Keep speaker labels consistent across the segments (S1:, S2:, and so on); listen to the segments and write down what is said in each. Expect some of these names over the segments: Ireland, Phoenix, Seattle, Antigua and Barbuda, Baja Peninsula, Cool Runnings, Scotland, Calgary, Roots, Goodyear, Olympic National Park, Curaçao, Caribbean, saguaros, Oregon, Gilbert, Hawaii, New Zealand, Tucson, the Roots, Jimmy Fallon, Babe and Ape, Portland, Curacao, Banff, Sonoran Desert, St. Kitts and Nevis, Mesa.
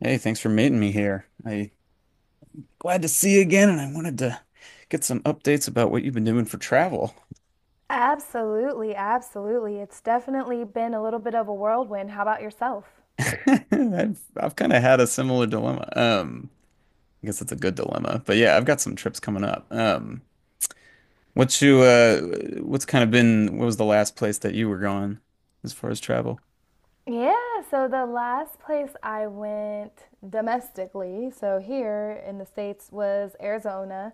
S1: Hey, thanks for meeting me here. I glad to see you again, and I wanted to get some updates about what you've been doing for travel.
S2: Absolutely, absolutely. It's definitely been a little bit of a whirlwind. How about yourself?
S1: I've kind of had a similar dilemma. I guess it's a good dilemma, but yeah, I've got some trips coming up. What you uh, what's kind of been what was the last place that you were going as far as travel?
S2: Yeah, so the last place I went domestically, so here in the States, was Arizona.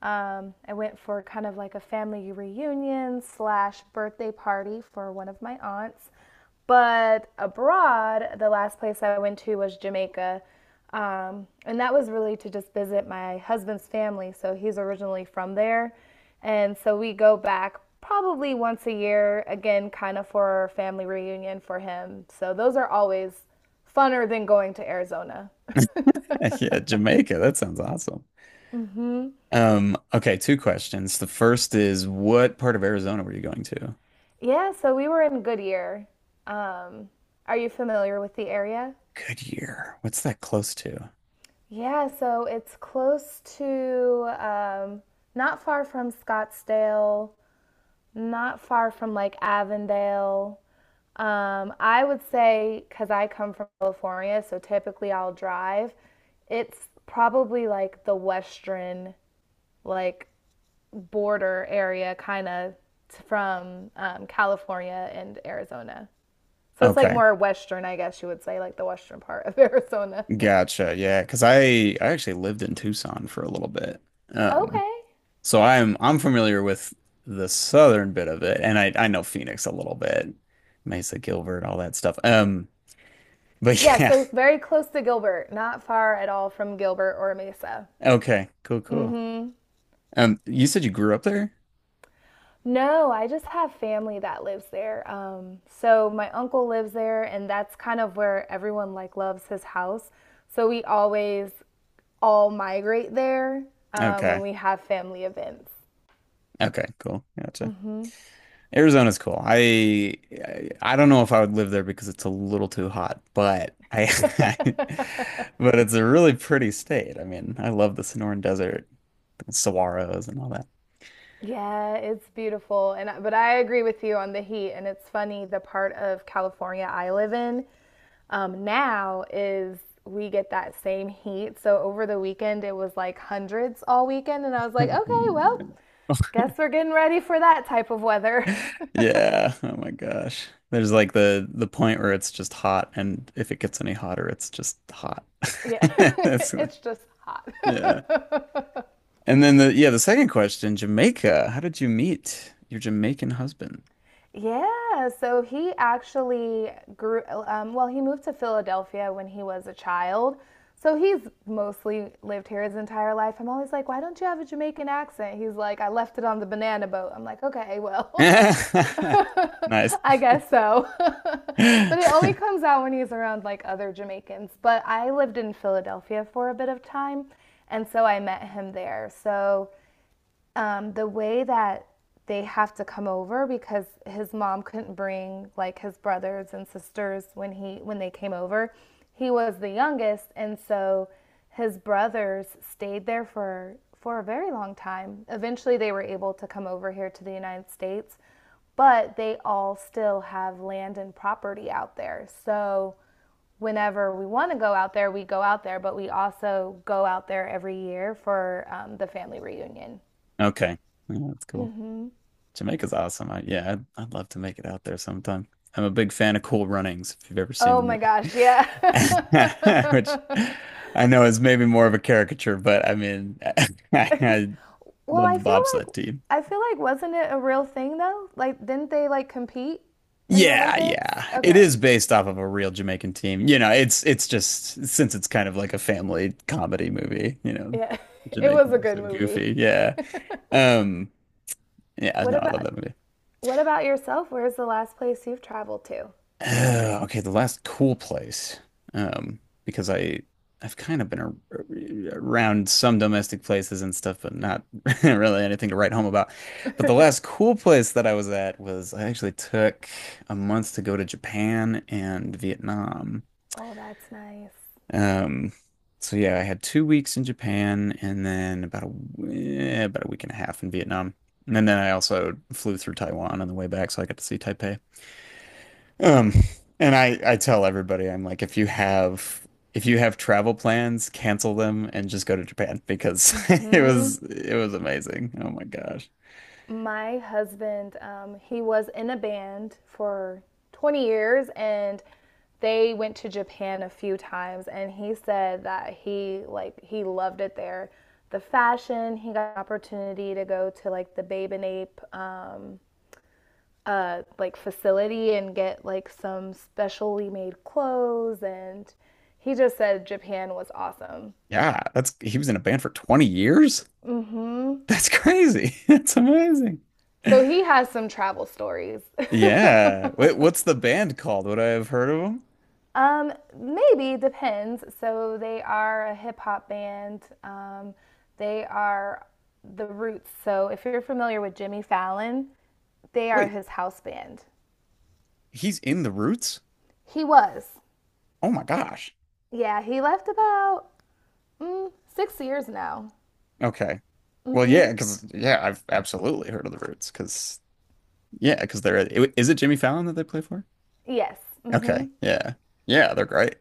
S2: I went for kind of like a family reunion slash birthday party for one of my aunts. But abroad, the last place I went to was Jamaica. And that was really to just visit my husband's family. So he's originally from there. And so we go back probably once a year, again, kind of for a family reunion for him. So those are always funner than going to Arizona.
S1: Yeah, Jamaica. That sounds awesome. Okay, two questions. The first is what part of Arizona were you going to?
S2: Yeah, so we were in Goodyear. Um, are you familiar with the area?
S1: Goodyear. What's that close to?
S2: Yeah, so it's close to not far from Scottsdale, not far from like Avondale. I would say, because I come from California, so typically I'll drive. It's probably like the western, like border area, kind of from California and Arizona. So it's like
S1: Okay.
S2: more western, I guess you would say, like the western part of Arizona.
S1: Gotcha. Yeah, because I actually lived in Tucson for a little bit. Um,
S2: Okay.
S1: so I'm familiar with the southern bit of it and I know Phoenix a little bit. Mesa, Gilbert, all that stuff. But
S2: Yeah,
S1: yeah.
S2: so very close to Gilbert, not far at all from Gilbert or Mesa.
S1: Okay. Cool, cool.
S2: Mm-hmm.
S1: You said you grew up there?
S2: No, I just have family that lives there. So my uncle lives there, and that's kind of where everyone like loves his house. So we always all migrate there when
S1: Okay.
S2: we have family events.
S1: Okay, cool. Gotcha.
S2: Hmm
S1: Arizona's cool. I don't know if I would live there because it's a little too hot, but I but it's a really pretty state. I mean, I love the Sonoran Desert. Saguaros and all that.
S2: Yeah, it's beautiful, and but I agree with you on the heat. And it's funny, the part of California I live in now is we get that same heat. So over the weekend, it was like hundreds all weekend, and I was like, okay, well. Guess we're getting ready for that type of weather.
S1: Yeah. Oh my gosh. There's like the point where it's just hot, and if it gets any hotter, it's just hot.
S2: Yeah,
S1: That's like-
S2: it's just hot.
S1: yeah. And then the second question, Jamaica. How did you meet your Jamaican husband?
S2: Yeah, so he actually grew, well, he moved to Philadelphia when he was a child. So he's mostly lived here his entire life. I'm always like, why don't you have a Jamaican accent? He's like, I left it on the banana boat. I'm like, okay, well,
S1: Nice.
S2: I guess so. But it only comes out when he's around like other Jamaicans. But I lived in Philadelphia for a bit of time, and so I met him there. So the way that they have to come over because his mom couldn't bring like his brothers and sisters when they came over. He was the youngest, and so his brothers stayed there for a very long time. Eventually, they were able to come over here to the United States, but they all still have land and property out there. So whenever we want to go out there, we go out there, but we also go out there every year for the family reunion.
S1: Okay. Yeah, that's cool. Jamaica's awesome. I, yeah, I'd love to make it out there sometime. I'm a big fan of Cool Runnings, if you've ever seen the
S2: Oh my
S1: movie,
S2: gosh, yeah.
S1: which I know is maybe more of a caricature, but I mean, I
S2: Well,
S1: love
S2: I
S1: the
S2: feel
S1: bobsled
S2: like
S1: team.
S2: I feel like wasn't it a real thing though? Like didn't they like compete in the
S1: Yeah,
S2: Olympics?
S1: yeah. It
S2: Okay.
S1: is based off of a real Jamaican team. You know, it's just since it's kind of like a family comedy movie, you know,
S2: Yeah. It was a
S1: Jamaicans are
S2: good
S1: so
S2: movie.
S1: goofy. Yeah. Um, yeah,
S2: What
S1: no, I love
S2: about
S1: that movie.
S2: what about yourself? Where's the last place you've traveled to?
S1: Okay, the last cool place, um, because I've kind of been ar around some domestic places and stuff, but not really anything to write home about. But the last cool place that I was at was I actually took a month to go to Japan and Vietnam.
S2: Oh, that's nice.
S1: Um, so yeah, I had 2 weeks in Japan and then about a about a week and a half in Vietnam, and then I also flew through Taiwan on the way back, so I got to see Taipei. Um, and I tell everybody I'm like if you have travel plans, cancel them and just go to Japan because it was amazing. Oh my gosh.
S2: My husband, he was in a band for 20 years, and they went to Japan a few times, and he said that he loved it there. The fashion, he got an opportunity to go to like the Babe and Ape like facility and get like some specially made clothes, and he just said Japan was awesome.
S1: Yeah, that's he was in a band for 20 years?
S2: Hmm
S1: That's crazy. That's amazing.
S2: So he has some travel stories.
S1: Yeah. Wait, what's the band called? Would I have heard of him?
S2: Um, Maybe depends. So they are a hip hop band. They are the Roots. So if you're familiar with Jimmy Fallon, they are
S1: Wait,
S2: his house band.
S1: he's in the Roots?
S2: He was.
S1: Oh my gosh.
S2: Yeah, he left about 6 years now.
S1: Okay. Well, yeah, because yeah, I've absolutely heard of the Roots because yeah, because they're is it Jimmy Fallon that they play for?
S2: Yes. Mhm.
S1: Okay. Yeah. Yeah, they're great.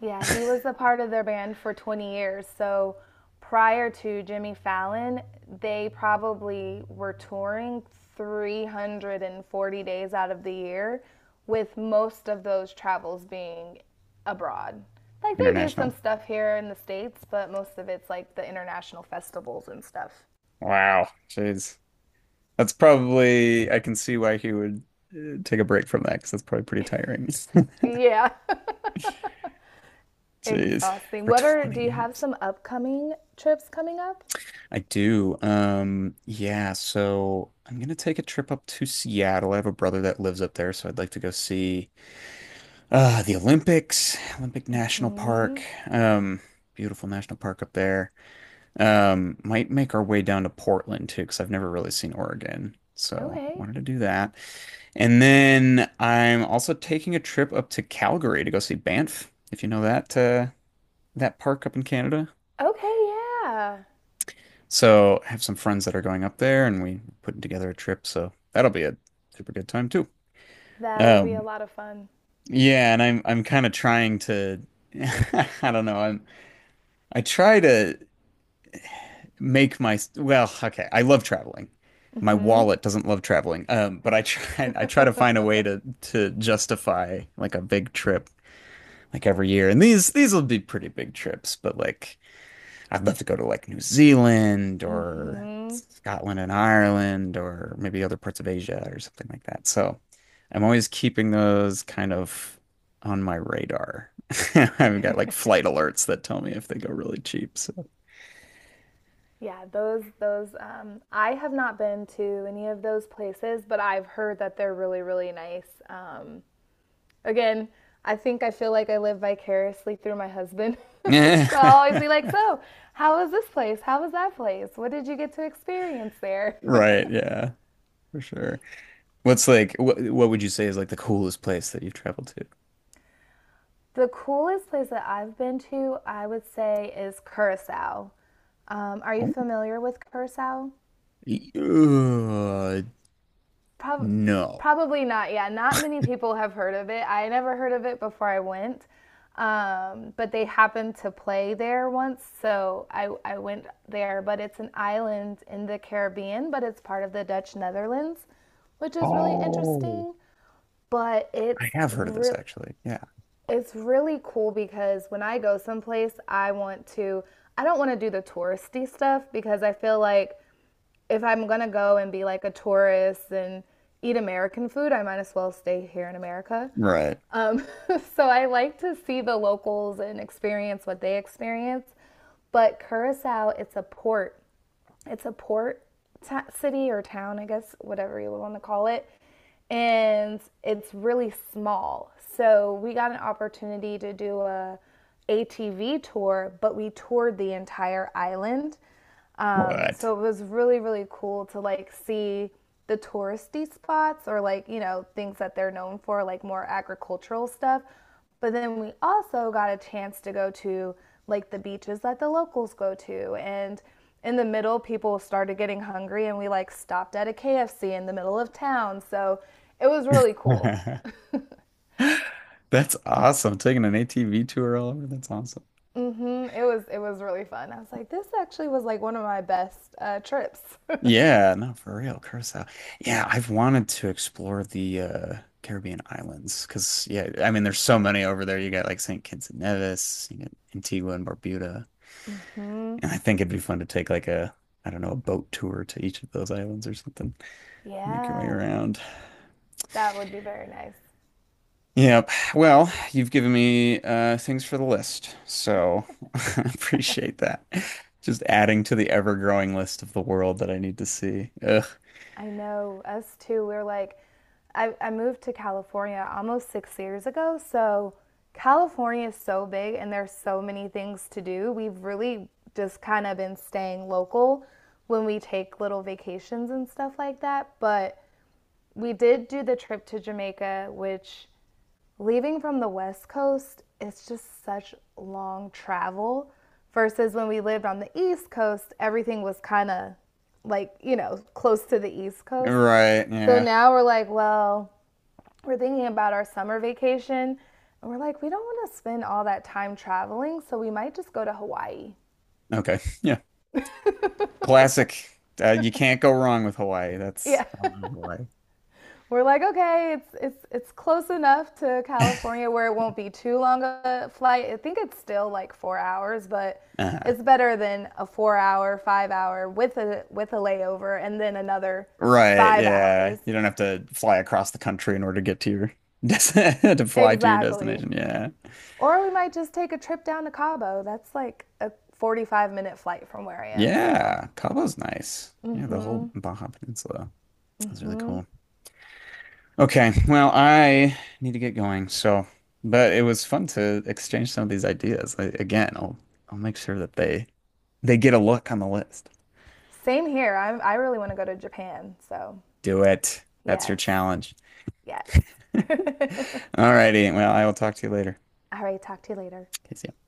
S2: Yeah, he was a part of their band for 20 years. So prior to Jimmy Fallon, they probably were touring 340 days out of the year, with most of those travels being abroad. Like they do some
S1: International.
S2: stuff here in the States, but most of it's like the international festivals and stuff.
S1: Wow. Jeez. That's probably, I can see why he would take a break from that because that's probably pretty tiring.
S2: Yeah,
S1: Jeez.
S2: exhausting.
S1: For
S2: Do
S1: 20
S2: you have
S1: years.
S2: some upcoming trips coming up?
S1: I do. Yeah, so I'm gonna take a trip up to Seattle. I have a brother that lives up there, so I'd like to go see the Olympics, Olympic National Park.
S2: Mm,
S1: Um, Beautiful national park up there. Might make our way down to Portland too, because I've never really seen Oregon. So
S2: okay.
S1: wanted to do that. And then I'm also taking a trip up to Calgary to go see Banff, if you know that that park up in Canada.
S2: Okay, yeah.
S1: So I have some friends that are going up there, and we putting together a trip. So that'll be a super good time too.
S2: That will be a
S1: Um,
S2: lot of fun.
S1: yeah, and I'm kind of trying to, I don't know, I'm I try to make my well, okay, I love traveling. My wallet doesn't love traveling. But I try I try to find a way to justify like a big trip like every year. And these will be pretty big trips, but like I'd love to go to like New Zealand or Scotland and Ireland or maybe other parts of Asia or something like that. So I'm always keeping those kind of on my radar. I've got like flight alerts that tell me if they go really cheap. So
S2: Yeah, those I have not been to any of those places, but I've heard that they're really really nice. Again, I think I feel like I live vicariously through my husband. So I'll always
S1: yeah.
S2: be like, "So, how was this place? How was that place? What did you get to experience there?"
S1: Right, yeah, for sure. What's like what would you say is like the coolest place that you've traveled to?
S2: The coolest place that I've been to, I would say, is Curacao. Are you
S1: Oh,
S2: familiar with Curacao?
S1: y- uh,
S2: Prob-
S1: no.
S2: Probably not. Yeah, not many people have heard of it. I never heard of it before I went, but they happened to play there once, so I went there. But it's an island in the Caribbean, but it's part of the Dutch Netherlands, which is really
S1: Oh,
S2: interesting. But
S1: I have heard of this actually. Yeah.
S2: it's really cool because when I go someplace, I want to. I don't want to do the touristy stuff because I feel like if I'm gonna go and be like a tourist and eat American food, I might as well stay here in America.
S1: Right.
S2: Um, so I like to see the locals and experience what they experience. But Curacao, it's a port. It's a port t- city or town, I guess, whatever you want to call it. And it's really small. So we got an opportunity to do a ATV tour, but we toured the entire island.
S1: What?
S2: So it was really, really cool to like see the touristy spots or like, you know, things that they're known for, like more agricultural stuff. But then we also got a chance to go to like the beaches that the locals go to. And in the middle, people started getting hungry, and we like stopped at a KFC in the middle of town. So it was really cool.
S1: That's awesome. Taking an ATV tour all over. That's awesome.
S2: hmm It was really fun. I was like, this actually was like one of my best trips.
S1: Yeah, no, for real. Curacao. Yeah, I've wanted to explore the Caribbean islands because yeah, I mean there's so many over there. You got like St. Kitts and Nevis, you got Antigua and Barbuda. And I think it'd be fun to take like a, I don't know, a boat tour to each of those islands or something. Make your way
S2: Yeah,
S1: around.
S2: that would be very nice.
S1: Yep. Well, you've given me things for the list, so I appreciate that. Just adding to the ever-growing list of the world that I need to see. Ugh.
S2: I know us too. We're like, I moved to California almost 6 years ago. So California is so big and there's so many things to do. We've really just kind of been staying local when we take little vacations and stuff like that. But we did do the trip to Jamaica, which leaving from the West Coast, it's just such long travel. Versus when we lived on the East Coast, everything was kind of like, you know, close to the East Coast.
S1: Right.
S2: So
S1: Yeah.
S2: now we're like, well, we're thinking about our summer vacation. And we're like, we don't want to spend all that time traveling, so we might just go to Hawaii.
S1: Okay. Yeah. Classic. You can't go wrong with Hawaii. That's
S2: Yeah.
S1: I love Hawaii.
S2: We're like, okay, it's close enough to California where it won't be too long a flight. I think it's still like 4 hours, but
S1: uh
S2: it's better than a 4 hour, 5 hour with a layover and then another
S1: Right,
S2: five
S1: yeah.
S2: hours.
S1: You don't have to fly across the country in order to get to your to fly to your
S2: Exactly.
S1: destination. Yeah.
S2: Or we might just take a trip down to Cabo. That's like a 45-minute flight from where I am. So,
S1: Yeah, Cabo's nice. Yeah, the whole Baja Peninsula is really cool. Okay, well, I need to get going. So, but it was fun to exchange some of these ideas. I, again, I'll make sure that they get a look on the list.
S2: same here. I really want to go to Japan. So,
S1: Do it. That's your
S2: yes,
S1: challenge.
S2: yes.
S1: All righty. Well, I will talk to you later.
S2: All right, talk to you later.
S1: Okay, see ya.